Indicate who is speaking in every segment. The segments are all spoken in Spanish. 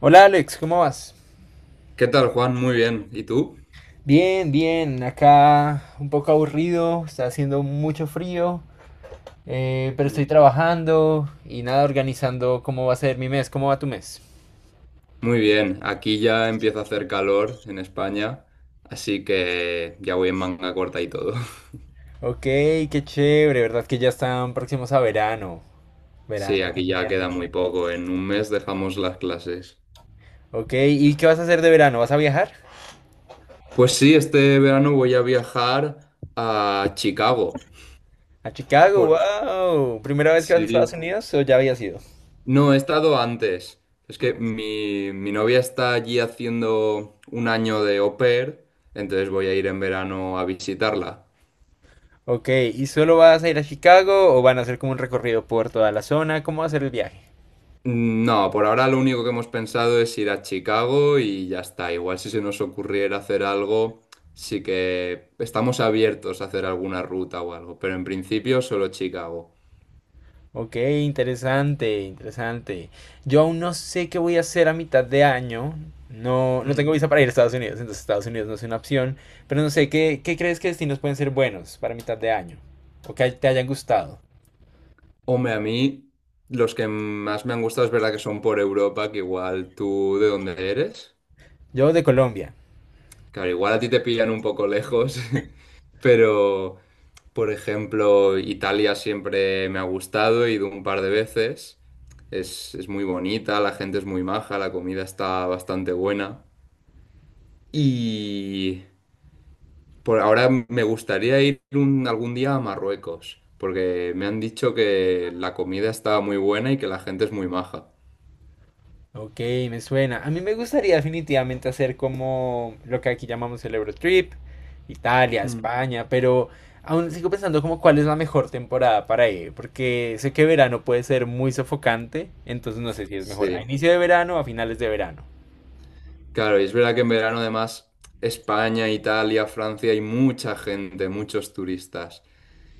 Speaker 1: Hola Alex, ¿cómo vas?
Speaker 2: ¿Qué tal, Juan? Muy bien. ¿Y tú?
Speaker 1: Bien, bien, acá un poco aburrido, está haciendo mucho frío, pero estoy
Speaker 2: Mm.
Speaker 1: trabajando y nada, organizando cómo va a ser mi mes, cómo va tu mes.
Speaker 2: Muy bien. Aquí ya empieza a hacer calor en España, así que ya voy en manga corta y todo.
Speaker 1: Ok, qué chévere, ¿verdad? Que ya están próximos a verano.
Speaker 2: Sí,
Speaker 1: Verano, qué
Speaker 2: aquí ya
Speaker 1: genial.
Speaker 2: queda muy poco. En un mes dejamos las clases.
Speaker 1: Ok, ¿y qué vas a hacer de verano? ¿Vas a viajar?
Speaker 2: Pues sí, este verano voy a viajar a Chicago.
Speaker 1: ¿A Chicago?
Speaker 2: Por-
Speaker 1: ¡Wow! ¿Primera vez que vas a Estados
Speaker 2: Sí.
Speaker 1: Unidos o ya habías ido?
Speaker 2: No, he estado antes. Es que mi novia está allí haciendo un año de au pair, entonces voy a ir en verano a visitarla.
Speaker 1: Ok, ¿y solo vas a ir a Chicago o van a hacer como un recorrido por toda la zona? ¿Cómo va a ser el viaje?
Speaker 2: No, por ahora lo único que hemos pensado es ir a Chicago y ya está. Igual si se nos ocurriera hacer algo, sí que estamos abiertos a hacer alguna ruta o algo, pero en principio solo Chicago.
Speaker 1: Ok, interesante, interesante. Yo aún no sé qué voy a hacer a mitad de año. No, no tengo
Speaker 2: Mm.
Speaker 1: visa para ir a Estados Unidos, entonces Estados Unidos no es una opción. Pero no sé, ¿qué crees que destinos pueden ser buenos para mitad de año? O que te hayan gustado.
Speaker 2: Hombre, a mí los que más me han gustado es verdad que son por Europa, que igual tú, ¿de dónde eres?
Speaker 1: Yo de Colombia.
Speaker 2: Claro, igual a ti te pillan un poco lejos, pero por ejemplo, Italia siempre me ha gustado, he ido un par de veces. Es muy bonita, la gente es muy maja, la comida está bastante buena. Y por ahora me gustaría ir algún día a Marruecos, porque me han dicho que la comida está muy buena y que la gente es muy maja.
Speaker 1: Ok, me suena. A mí me gustaría definitivamente hacer como lo que aquí llamamos el Eurotrip, Italia,
Speaker 2: Mm.
Speaker 1: España, pero aún sigo pensando como cuál es la mejor temporada para ir, porque sé que verano puede ser muy sofocante, entonces no sé si es mejor a
Speaker 2: Sí.
Speaker 1: inicio de verano o a finales de verano.
Speaker 2: Claro, y es verdad que en verano además España, Italia, Francia hay mucha gente, muchos turistas.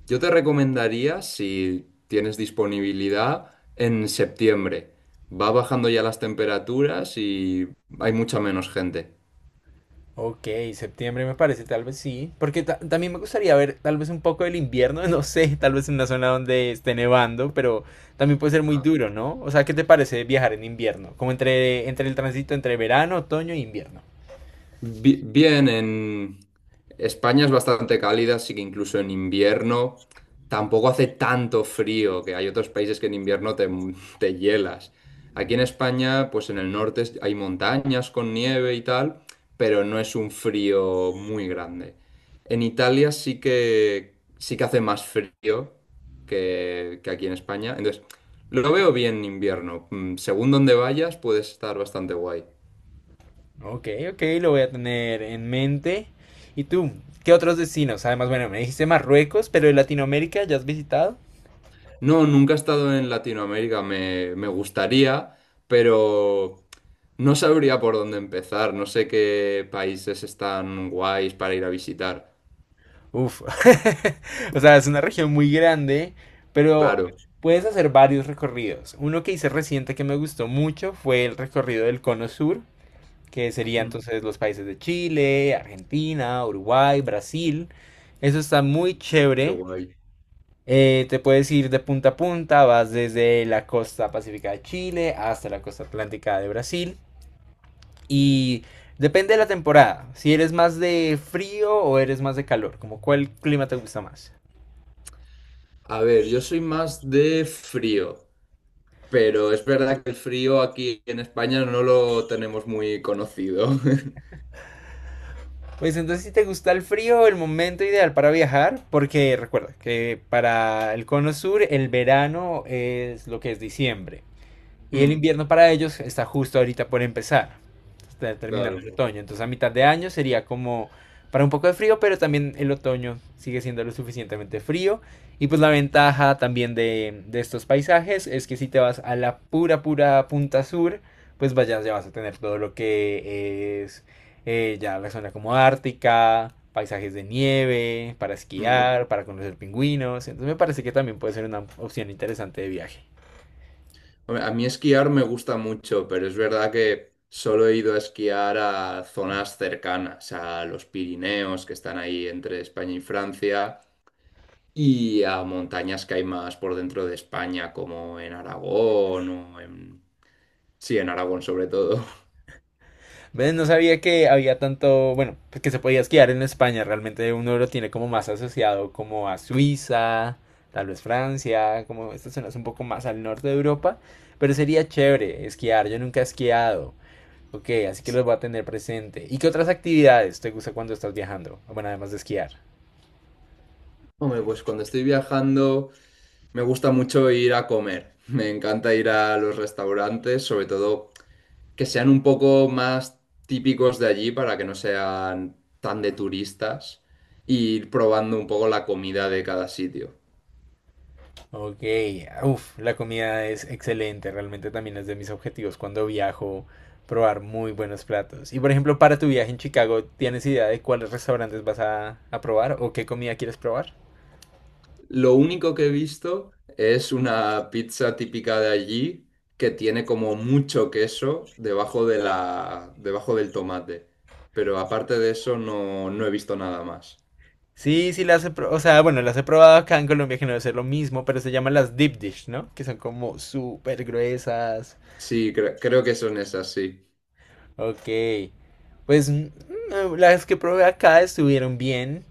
Speaker 2: Yo te recomendaría, si tienes disponibilidad, en septiembre. Va bajando ya las temperaturas y hay mucha menos gente.
Speaker 1: Ok, septiembre me parece, tal vez sí, porque también me gustaría ver tal vez un poco del invierno, no sé, tal vez en una zona donde esté nevando, pero también puede ser muy duro, ¿no? O sea, ¿qué te parece viajar en invierno? Como entre el tránsito entre verano, otoño e invierno.
Speaker 2: Bien, en España es bastante cálida, así que incluso en invierno tampoco hace tanto frío, que hay otros países que en invierno te hielas. Aquí en España, pues en el norte hay montañas con nieve y tal, pero no es un frío muy grande. En Italia sí que hace más frío que aquí en España, entonces lo veo bien en invierno. Mm. Según donde vayas puedes estar bastante guay.
Speaker 1: Ok, ok, lo voy a tener en mente. ¿Y tú? ¿Qué otros destinos? Además, bueno, me dijiste Marruecos, pero de Latinoamérica, ¿ya has visitado?
Speaker 2: No, nunca he estado en Latinoamérica, me gustaría, pero no sabría por dónde empezar, no sé qué países están guays para ir a visitar.
Speaker 1: Uf. O sea, es una región muy grande, pero
Speaker 2: Claro.
Speaker 1: puedes hacer varios recorridos. Uno que hice reciente que me gustó mucho fue el recorrido del Cono Sur, que sería
Speaker 2: Mm,
Speaker 1: entonces los países de Chile, Argentina, Uruguay, Brasil. Eso está muy
Speaker 2: qué
Speaker 1: chévere.
Speaker 2: guay.
Speaker 1: Te puedes ir de punta a punta, vas desde la costa pacífica de Chile hasta la costa atlántica de Brasil. Y depende de la temporada, si eres más de frío o eres más de calor, como cuál clima te gusta más.
Speaker 2: A ver, yo soy más de frío, pero es verdad que el frío aquí en España no lo tenemos muy conocido.
Speaker 1: Pues entonces si te gusta el frío, el momento ideal para viajar, porque recuerda que para el cono sur el verano es lo que es diciembre y el
Speaker 2: Mm.
Speaker 1: invierno para ellos está justo ahorita por empezar, está terminando
Speaker 2: Claro.
Speaker 1: el otoño. Entonces a mitad de año sería como para un poco de frío, pero también el otoño sigue siendo lo suficientemente frío. Y pues la ventaja también de estos paisajes es que si te vas a la pura, pura punta sur, pues vayas, ya vas a tener todo lo que es ya la zona como ártica, paisajes de nieve, para
Speaker 2: Mm.
Speaker 1: esquiar, para conocer pingüinos. Entonces me parece que también puede ser una opción interesante de viaje.
Speaker 2: Hombre, a mí esquiar me gusta mucho, pero es verdad que solo he ido a esquiar a zonas cercanas, a los Pirineos, que están ahí entre España y Francia, y a montañas que hay más por dentro de España, como en Aragón o en... Sí, en Aragón sobre todo.
Speaker 1: ¿Ves? No sabía que había tanto, bueno, pues que se podía esquiar en España. Realmente uno lo tiene como más asociado como a Suiza, tal vez Francia, como estas zonas un poco más al norte de Europa. Pero sería chévere esquiar. Yo nunca he esquiado. Ok, así que los voy a tener presente. ¿Y qué otras actividades te gusta cuando estás viajando? Bueno, además de esquiar.
Speaker 2: Hombre, pues cuando estoy viajando me gusta mucho ir a comer. Me encanta ir a los restaurantes, sobre todo que sean un poco más típicos de allí para que no sean tan de turistas e ir probando un poco la comida de cada sitio.
Speaker 1: Ok, uff, la comida es excelente, realmente también es de mis objetivos cuando viajo, probar muy buenos platos. Y por ejemplo, para tu viaje en Chicago, ¿tienes idea de cuáles restaurantes vas a probar o qué comida quieres probar?
Speaker 2: Lo único que he visto es una pizza típica de allí que tiene como mucho queso debajo de debajo del tomate. Pero aparte de eso no, no he visto nada más.
Speaker 1: Sí, sí, o sea, bueno, las he probado acá en Colombia, que no debe ser lo mismo, pero se llaman las deep dish, ¿no? Que son como súper gruesas.
Speaker 2: Sí, creo que son esas, sí.
Speaker 1: Ok. Pues las que probé acá estuvieron bien,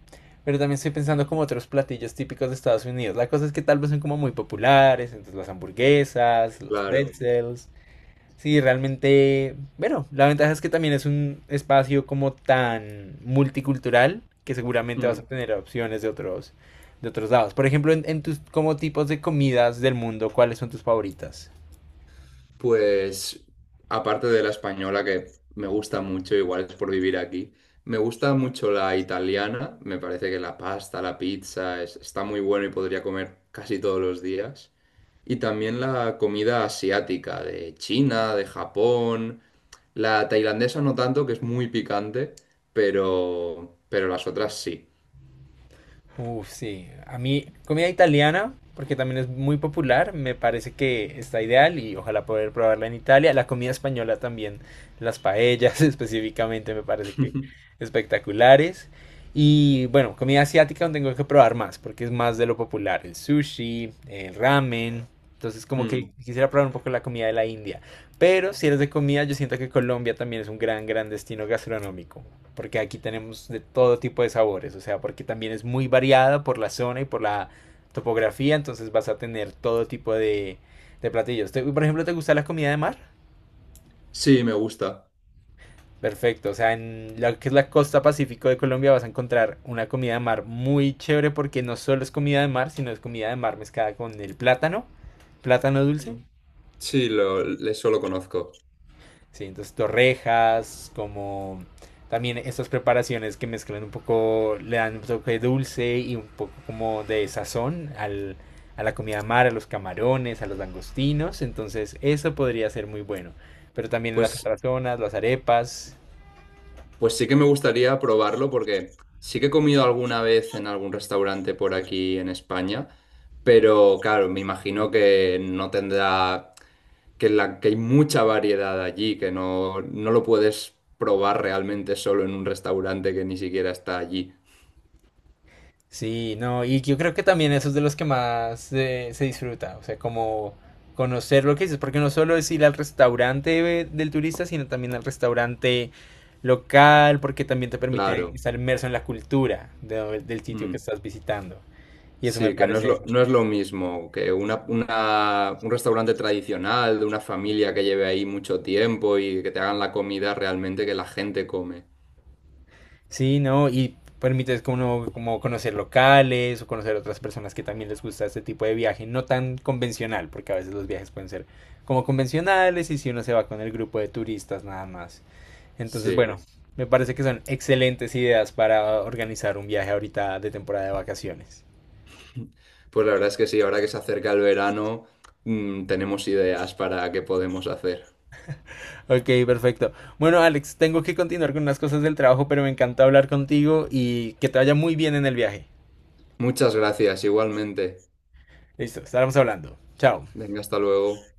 Speaker 1: pero también estoy pensando como otros platillos típicos de Estados Unidos. La cosa es que tal vez son como muy populares, entonces las hamburguesas, los
Speaker 2: Claro.
Speaker 1: pretzels. Sí, realmente, bueno, la ventaja es que también es un espacio como tan multicultural que seguramente
Speaker 2: Hmm.
Speaker 1: vas a tener opciones de otros lados. Por ejemplo, en tus como tipos de comidas del mundo, ¿cuáles son tus favoritas?
Speaker 2: Pues aparte de la española, que me gusta mucho, igual es por vivir aquí, me gusta mucho la italiana, me parece que la pasta, la pizza, está muy bueno y podría comer casi todos los días. Y también la comida asiática, de China, de Japón, la tailandesa no tanto, que es muy picante, pero las otras sí.
Speaker 1: Uf, sí. A mí, comida italiana, porque también es muy popular, me parece que está ideal y ojalá poder probarla en Italia. La comida española también, las paellas específicamente me parece que espectaculares. Y bueno, comida asiática donde tengo que probar más, porque es más de lo popular, el sushi, el ramen. Entonces como que
Speaker 2: Mm.
Speaker 1: quisiera probar un poco la comida de la India. Pero si eres de comida, yo siento que Colombia también es un gran, gran destino gastronómico, porque aquí tenemos de todo tipo de sabores, o sea, porque también es muy variada por la zona y por la topografía, entonces vas a tener todo tipo de platillos. Por ejemplo, ¿te gusta la comida de mar?
Speaker 2: Sí, me gusta.
Speaker 1: Perfecto, o sea, en lo que es la costa pacífico de Colombia vas a encontrar una comida de mar muy chévere porque no solo es comida de mar, sino es comida de mar mezclada con el plátano, plátano dulce.
Speaker 2: Mm, sí, eso lo conozco.
Speaker 1: Sí, entonces torrejas, como también estas preparaciones que mezclan un poco, le dan un toque dulce y un poco como de sazón al, a la comida mar, a los camarones, a los langostinos, entonces eso podría ser muy bueno. Pero también en las
Speaker 2: Pues
Speaker 1: otras zonas, las arepas.
Speaker 2: Pues sí que me gustaría probarlo porque sí que he comido alguna vez en algún restaurante por aquí en España, pero claro, me imagino que no tendrá, que hay mucha variedad allí, que no, no lo puedes probar realmente solo en un restaurante que ni siquiera está allí.
Speaker 1: Sí, no, y yo creo que también eso es de los que más se disfruta, o sea, como conocer lo que dices, porque no solo es ir al restaurante del turista, sino también al restaurante local, porque también te permite
Speaker 2: Claro.
Speaker 1: estar inmerso en la cultura de del sitio que
Speaker 2: Mm.
Speaker 1: estás visitando. Y eso me
Speaker 2: Sí, que no es
Speaker 1: parece,
Speaker 2: no es lo mismo que un restaurante tradicional de una familia que lleve ahí mucho tiempo y que te hagan la comida realmente que la gente come.
Speaker 1: sí, no, y permite como, como conocer locales o conocer otras personas que también les gusta este tipo de viaje, no tan convencional, porque a veces los viajes pueden ser como convencionales y si uno se va con el grupo de turistas nada más. Entonces,
Speaker 2: Sí.
Speaker 1: bueno, me parece que son excelentes ideas para organizar un viaje ahorita de temporada de vacaciones.
Speaker 2: Pues la verdad es que sí, ahora que se acerca el verano, mm, tenemos ideas para qué podemos hacer.
Speaker 1: Ok, perfecto. Bueno, Alex, tengo que continuar con unas cosas del trabajo, pero me encantó hablar contigo y que te vaya muy bien en el viaje.
Speaker 2: Muchas gracias, igualmente.
Speaker 1: Listo, estaremos hablando. Chao.
Speaker 2: Venga, hasta luego.